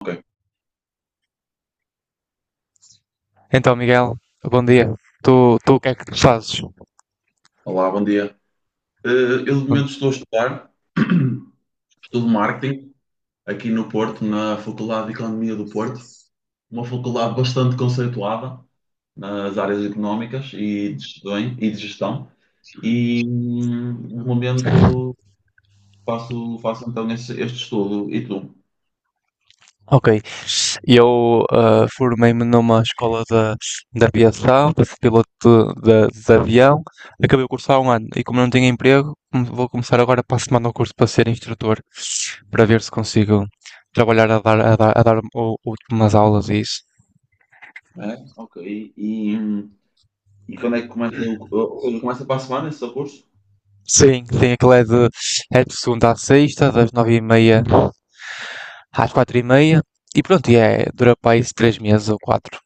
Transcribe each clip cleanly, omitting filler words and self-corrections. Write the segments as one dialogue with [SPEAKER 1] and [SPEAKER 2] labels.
[SPEAKER 1] Ok.
[SPEAKER 2] Então, Miguel, bom dia. Tu o que é que tu fazes?
[SPEAKER 1] Olá, bom dia. Eh, Eu, de momento, estou a estudar, estudo marketing aqui no Porto, na Faculdade de Economia do Porto, uma faculdade bastante conceituada nas áreas económicas e de gestão. E, de gestão. E, de momento, faço então este estudo. E tu?
[SPEAKER 2] Ok, eu formei-me numa escola da aviação, para ser piloto de avião. Acabei o curso há um ano e como não tinha emprego, vou começar agora para a semana o curso para ser instrutor, para ver se consigo trabalhar a dar umas aulas e isso.
[SPEAKER 1] É? Ok. E quando é que começa Ou seja, começa para a semana esse teu curso?
[SPEAKER 2] Sim, sim, aquilo é de segunda à sexta, das nove e meia às quatro e meia. E pronto, e é, dura para aí três meses ou quatro.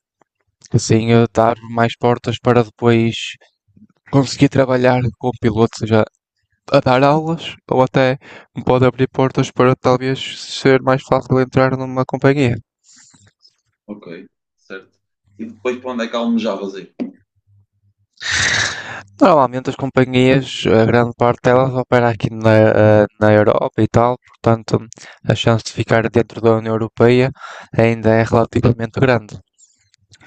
[SPEAKER 2] Assim a dar mais portas para depois conseguir trabalhar como piloto, seja a dar aulas ou até me pode abrir portas para talvez ser mais fácil entrar numa companhia.
[SPEAKER 1] Ok, certo. E depois, para onde é que almejavas ir?
[SPEAKER 2] Normalmente as companhias, a grande parte delas opera aqui na, na Europa e tal, portanto a chance de ficar dentro da União Europeia ainda é relativamente grande.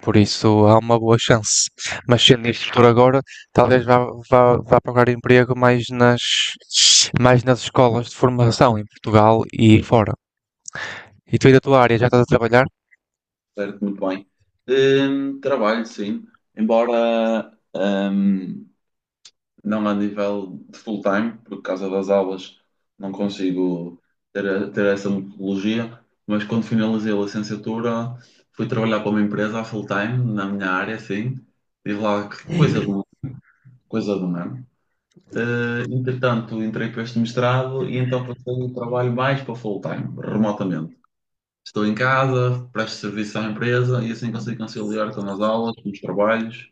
[SPEAKER 2] Por isso há uma boa chance. Mas sendo isto por agora, talvez vá procurar emprego mais nas escolas de formação em Portugal e fora. E tu aí da tua área já estás a trabalhar?
[SPEAKER 1] Certo, muito bem. Trabalho, sim, embora não a nível de full-time, por causa das aulas não consigo ter essa metodologia, mas quando finalizei a licenciatura fui trabalhar para uma empresa a full-time, na minha área, sim, tive lá coisa de um, coisa de um ano. Entretanto, entrei para este mestrado e então passei o trabalho mais para full-time, remotamente. Estou em casa, presto serviço à empresa e assim consigo conciliar com as aulas, com os trabalhos.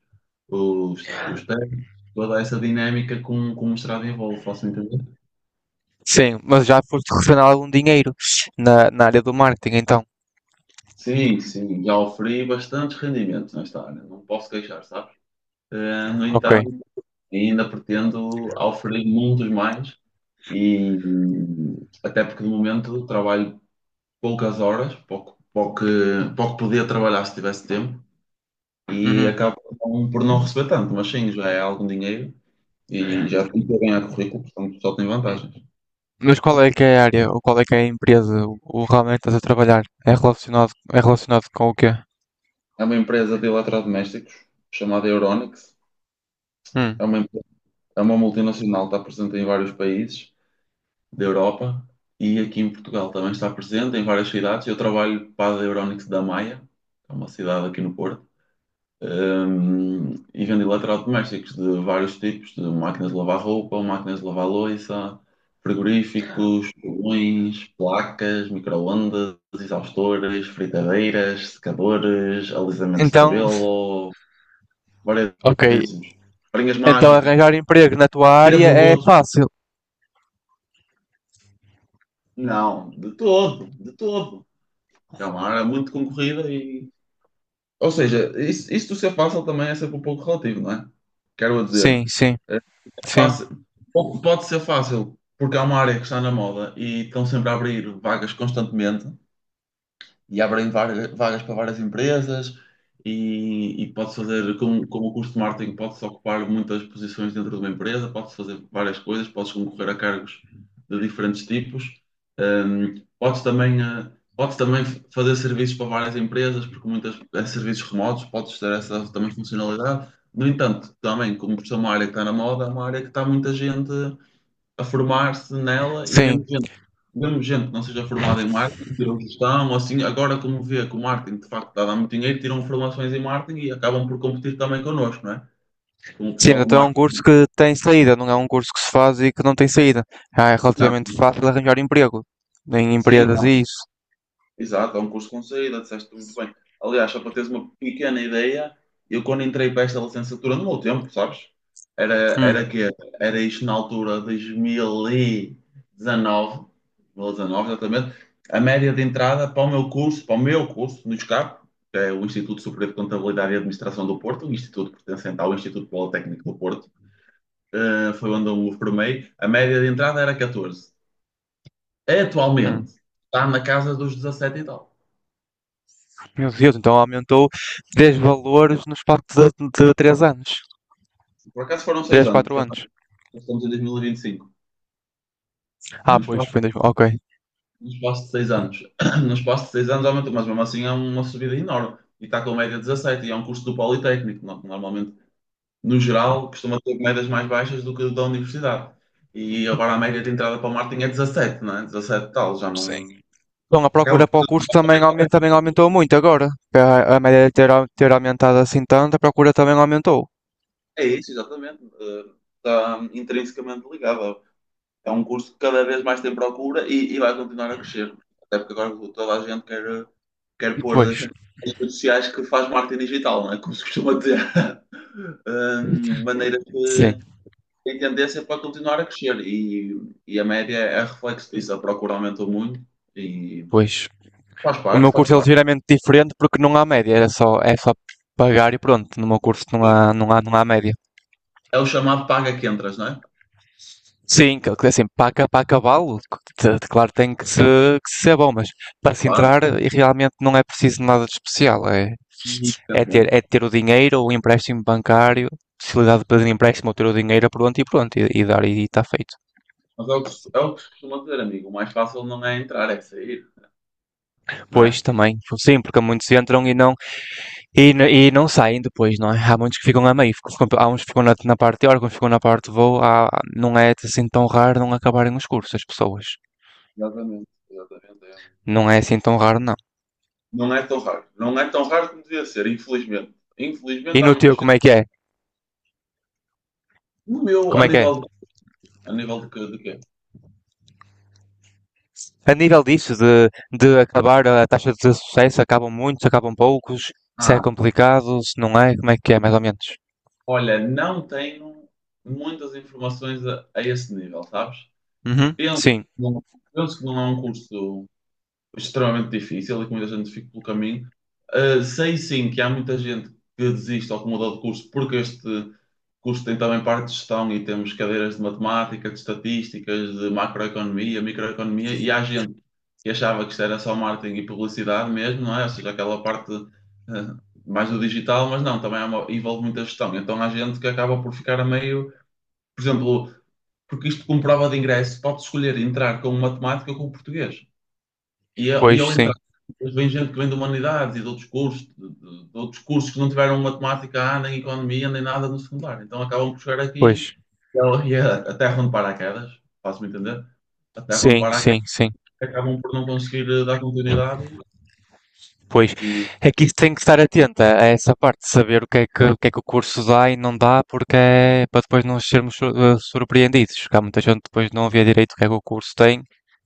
[SPEAKER 1] Os testes, toda essa dinâmica que um mestrado envolve, faço entender?
[SPEAKER 2] Sim, mas já foste receber algum dinheiro na área do marketing, então.
[SPEAKER 1] Sim, sim, já oferi bastantes rendimentos nesta área, não posso queixar, sabes? No
[SPEAKER 2] Ok.
[SPEAKER 1] entanto, ainda pretendo oferecer muitos mais e até porque de momento trabalho poucas horas, pouco podia trabalhar se tivesse tempo e
[SPEAKER 2] Uhum.
[SPEAKER 1] acabo por não receber tanto, mas sim, já é algum dinheiro e já estou bem a currículo, portanto só tem vantagens.
[SPEAKER 2] Mas qual é que é a área, ou qual é que é a empresa, o realmente estás a trabalhar? É relacionado com o quê?
[SPEAKER 1] É uma empresa de eletrodomésticos chamada Euronics.
[SPEAKER 2] Hum.
[SPEAKER 1] É uma, empre- é uma multinacional, está presente em vários países da Europa e aqui em Portugal também está presente em várias cidades. Eu trabalho para a Euronics da Maia, que é uma cidade aqui no Porto. E vendo eletrodomésticos de vários tipos, de máquinas de lavar roupa, máquinas de lavar louça, frigoríficos, fogões, placas, microondas, exaustores, fritadeiras, secadores, alisamentos de
[SPEAKER 2] Então,
[SPEAKER 1] cabelo,
[SPEAKER 2] ok.
[SPEAKER 1] variadíssimos. Varinhas
[SPEAKER 2] Então
[SPEAKER 1] mágicas.
[SPEAKER 2] arranjar emprego na tua
[SPEAKER 1] Tira
[SPEAKER 2] área é
[SPEAKER 1] borbotos.
[SPEAKER 2] fácil.
[SPEAKER 1] Não, de todo, de todo. É uma área muito concorrida. Ou seja, isso de ser fácil também é sempre um pouco relativo, não é? Quero dizer,
[SPEAKER 2] Sim, sim.
[SPEAKER 1] é
[SPEAKER 2] Sim,
[SPEAKER 1] fácil- pode ser fácil porque é uma área que está na moda e estão sempre a abrir vagas constantemente, e abrem vagas para várias empresas e pode fazer, como o curso de marketing, pode-se ocupar muitas posições dentro de uma empresa, pode-se fazer várias coisas, pode-se concorrer a cargos de diferentes tipos. Hum, pode-se também, eh, pode-se também fazer serviços para várias empresas, porque muitas é serviços remotos, pode-se ter essa também funcionalidade. No entanto, também, como por ser uma área que está na moda, é uma área que está muita gente a formar-se nela e
[SPEAKER 2] sim.
[SPEAKER 1] mesmo gente que não seja formada em marketing, tiram gestão, ou assim, agora como vê que o marketing de facto está a dar muito dinheiro, tiram formações em marketing e acabam por competir também connosco, não é? Com o
[SPEAKER 2] Sim,
[SPEAKER 1] pessoal do
[SPEAKER 2] então é um
[SPEAKER 1] marketing.
[SPEAKER 2] curso que tem saída, não é um curso que se faz e que não tem saída. Ah, é relativamente fácil arranjar emprego em
[SPEAKER 1] Sim,
[SPEAKER 2] empresas e isso.
[SPEAKER 1] exato, é um curso com saída, disseste muito bem. Aliás, só para teres uma pequena ideia, eu quando entrei para esta licenciatura, no meu tempo, sabes? Era,
[SPEAKER 2] Hum,
[SPEAKER 1] era que era isto na altura de dois mil e dezanove, 2019, exatamente, a média de entrada para o meu curso no ISCAP, que é o Instituto Superior de Contabilidade e Administração do Porto, um instituto pertencente ao Instituto Politécnico do Porto, foi onde eu me formei, a média de entrada era 14.
[SPEAKER 2] hum.
[SPEAKER 1] Atualmente está na casa dos 17 e tal.
[SPEAKER 2] Meu Deus, então aumentou 10 valores no espaço de 3 anos.
[SPEAKER 1] Por acaso foram seis
[SPEAKER 2] Três
[SPEAKER 1] anos,
[SPEAKER 2] 4
[SPEAKER 1] porque
[SPEAKER 2] anos.
[SPEAKER 1] nós estamos em 2025.
[SPEAKER 2] Ah,
[SPEAKER 1] No
[SPEAKER 2] pois,
[SPEAKER 1] espaço,
[SPEAKER 2] foi em 2000. Ok.
[SPEAKER 1] no espaço de 6 anos. No espaço de seis anos aumentou, mas mesmo assim é uma subida enorme. E está com média 17, e é um curso do Politécnico. Normalmente, no
[SPEAKER 2] Foi.
[SPEAKER 1] geral, costuma ter médias mais baixas do que da universidade. E agora a média de entrada para o Martin é 17, não é? 17 tal, já
[SPEAKER 2] Sim.
[SPEAKER 1] não.
[SPEAKER 2] Então a
[SPEAKER 1] Acaba.
[SPEAKER 2] procura para o curso também, aumenta, também aumentou muito agora. A média de ter, ter aumentado assim tanto, a procura também aumentou.
[SPEAKER 1] É isso, exatamente. Está intrinsecamente ligado. É um curso que cada vez mais tem procura e vai continuar a crescer. Até porque agora toda a gente quer
[SPEAKER 2] E
[SPEAKER 1] pôr nas
[SPEAKER 2] depois
[SPEAKER 1] redes sociais que faz marketing digital, não é? Como se costuma dizer. De maneira
[SPEAKER 2] sim.
[SPEAKER 1] que tem tendência é para continuar a crescer e a média é reflexo disso. A procura aumentou muito e
[SPEAKER 2] Pois.
[SPEAKER 1] faz
[SPEAKER 2] O
[SPEAKER 1] parte,
[SPEAKER 2] meu
[SPEAKER 1] faz
[SPEAKER 2] curso é
[SPEAKER 1] parte.
[SPEAKER 2] ligeiramente diferente porque não há média, é só pagar e pronto. No meu curso não há média.
[SPEAKER 1] É o chamado paga que entras, não é?
[SPEAKER 2] Sim, que assim, para, para acabá-lo, claro, tem que, se, que ser bom, mas para se
[SPEAKER 1] Claro.
[SPEAKER 2] entrar e realmente não é preciso nada de especial. É, é
[SPEAKER 1] Exatamente.
[SPEAKER 2] ter o dinheiro, o empréstimo bancário, possibilidade de pedir empréstimo ou ter o dinheiro pronto e pronto, e dar e está feito.
[SPEAKER 1] Mas é o que se costuma dizer, amigo. O mais fácil não é entrar, é sair, não é?
[SPEAKER 2] Pois também, sim, porque muitos entram e não, e, e não saem depois, não é? Há muitos que ficam a meio, há uns que ficam na parte teórica, uns que ficam na parte de voo, não é assim tão raro não acabarem os cursos, as pessoas.
[SPEAKER 1] Exatamente, exatamente.
[SPEAKER 2] Não é assim tão raro, não.
[SPEAKER 1] Não é tão raro. Não é tão raro como devia ser, infelizmente.
[SPEAKER 2] E
[SPEAKER 1] Infelizmente há
[SPEAKER 2] no
[SPEAKER 1] muita
[SPEAKER 2] teu,
[SPEAKER 1] gente.
[SPEAKER 2] como é que é?
[SPEAKER 1] No meu,
[SPEAKER 2] Como
[SPEAKER 1] a
[SPEAKER 2] é que é?
[SPEAKER 1] nível de, a nível de, que- de quê?
[SPEAKER 2] A nível disso, de acabar a taxa de sucesso, acabam muitos, acabam poucos, se é
[SPEAKER 1] Ah,
[SPEAKER 2] complicado, se não é, como é que é, mais ou menos?
[SPEAKER 1] olha, não tenho muitas informações a esse nível, sabes?
[SPEAKER 2] Uhum,
[SPEAKER 1] Penso,
[SPEAKER 2] sim,
[SPEAKER 1] que não- penso que não é um curso extremamente difícil e que muita gente fica pelo caminho. Sei sim que há muita gente que desiste ou que muda de curso porque este curso tem também parte de gestão e temos cadeiras de matemática, de estatísticas, de macroeconomia, microeconomia e há gente que achava que isto era só marketing e publicidade mesmo, não é? Ou seja, aquela parte mais do digital, mas não, também há envolve muita gestão. Então há gente que acaba por ficar a meio, por exemplo, porque isto como prova de ingresso, pode escolher entrar com matemática ou com português. E, e
[SPEAKER 2] pois,
[SPEAKER 1] ao
[SPEAKER 2] sim,
[SPEAKER 1] entrar, depois vem gente que vem de humanidades e de outros cursos, de outros cursos que não tiveram matemática, nem economia, nem nada no secundário. Então acabam por chegar aqui
[SPEAKER 2] pois,
[SPEAKER 1] e a a terra onde paraquedas, faço-me entender, a terra onde
[SPEAKER 2] sim,
[SPEAKER 1] paraquedas
[SPEAKER 2] sim, sim.
[SPEAKER 1] acabam por não conseguir dar continuidade
[SPEAKER 2] Pois,
[SPEAKER 1] e
[SPEAKER 2] é que isso tem que estar atenta a essa parte de saber o que é que, o que é que o curso dá e não dá, porque é para depois não sermos surpreendidos. Porque há muita gente que depois não vê direito o que é que o curso tem,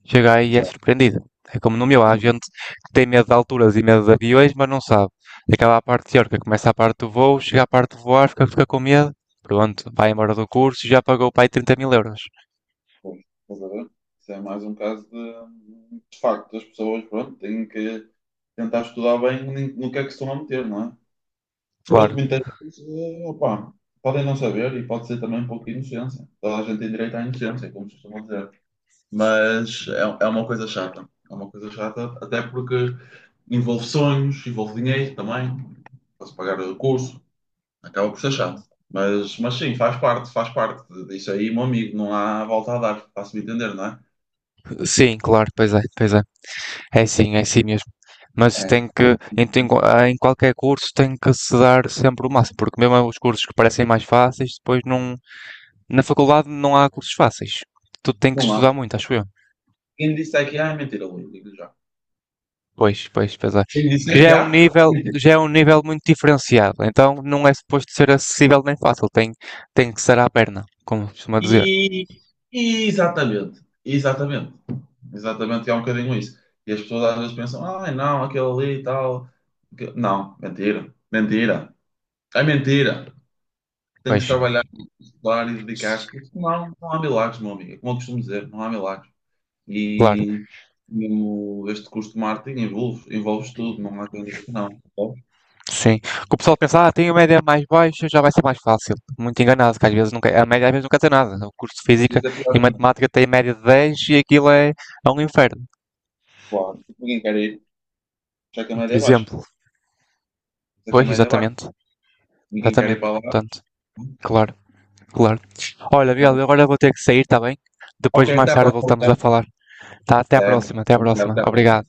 [SPEAKER 2] chega aí e é
[SPEAKER 1] exato,
[SPEAKER 2] surpreendida. É como no meu, há
[SPEAKER 1] como
[SPEAKER 2] gente
[SPEAKER 1] é,
[SPEAKER 2] que tem medo de alturas e medo de aviões, mas não sabe. Acaba a parte teórica, começa a parte do voo, chega à parte de voar, fica com medo, pronto, vai embora do curso e já pagou para aí 30 mil euros.
[SPEAKER 1] pois, estás a ver? Isso é mais um caso de facto, as pessoas, pronto, têm que tentar estudar bem no no que é que se estão a meter, não é? Outro
[SPEAKER 2] Claro,
[SPEAKER 1] muitas vezes, opá, podem não saber e pode ser também um pouco de inocência. Toda a gente tem direito à inocência, como costumam dizer. Mas é, é uma coisa chata. É uma coisa chata, até porque envolve sonhos, envolve dinheiro também. Para se pagar o curso, acaba por ser chato. Mas sim, faz parte isso aí, meu amigo. Não há volta a dar, se me entender, não é?
[SPEAKER 2] sim, claro, pois é, pois é. É sim mesmo. Mas
[SPEAKER 1] É,
[SPEAKER 2] tem que, em, em qualquer curso, tem que se dar sempre o máximo, porque mesmo os cursos que parecem mais fáceis, depois não, na faculdade não há cursos fáceis. Tu tem que
[SPEAKER 1] não há.
[SPEAKER 2] estudar muito, acho eu.
[SPEAKER 1] Quem disse é que há, é mentira, Luís, digo já.
[SPEAKER 2] Pois, pois, pois é.
[SPEAKER 1] Quem disse
[SPEAKER 2] Porque
[SPEAKER 1] é
[SPEAKER 2] já
[SPEAKER 1] que
[SPEAKER 2] é um
[SPEAKER 1] há,
[SPEAKER 2] nível,
[SPEAKER 1] é
[SPEAKER 2] já é um nível muito diferenciado, então não é suposto ser acessível nem fácil, tem, tem que ser à perna, como costuma dizer.
[SPEAKER 1] E, Exatamente, exatamente, exatamente, é um bocadinho isso. E as pessoas às vezes pensam, ai não, aquele ali e tal. Não, mentira, mentira, é mentira. Tem que
[SPEAKER 2] Pois,
[SPEAKER 1] se trabalhar, estudar e dedicar-se, porque senão não há milagres, meu amigo. É como eu costumo dizer, não há milagres.
[SPEAKER 2] claro.
[SPEAKER 1] E mesmo este curso de marketing envolve, envolve tudo, não há quem diga que não. Percebes?
[SPEAKER 2] Sim. Que o pessoal pensa, ah, tem a média mais baixa, já vai ser mais fácil. Muito enganado, que às vezes nunca, a média às vezes nunca quer nada. O curso de
[SPEAKER 1] Às
[SPEAKER 2] Física
[SPEAKER 1] vezes é
[SPEAKER 2] e
[SPEAKER 1] pior ainda,
[SPEAKER 2] Matemática tem média de 10 e aquilo é, é um inferno.
[SPEAKER 1] claro, ninguém quer ir, já que a
[SPEAKER 2] E por
[SPEAKER 1] média é baixa,
[SPEAKER 2] exemplo,
[SPEAKER 1] já que a
[SPEAKER 2] pois,
[SPEAKER 1] média é baixa,
[SPEAKER 2] exatamente,
[SPEAKER 1] ninguém quer ir
[SPEAKER 2] exatamente.
[SPEAKER 1] para lá.
[SPEAKER 2] Portanto, claro, claro. Olha, Miguel, eu agora vou ter que sair, está bem?
[SPEAKER 1] Ok,
[SPEAKER 2] Depois mais
[SPEAKER 1] até a
[SPEAKER 2] tarde voltamos a
[SPEAKER 1] próxima.
[SPEAKER 2] falar. Tá? Até à
[SPEAKER 1] Certo?
[SPEAKER 2] próxima, até à
[SPEAKER 1] Obrigado,
[SPEAKER 2] próxima.
[SPEAKER 1] até a próxima.
[SPEAKER 2] Obrigado.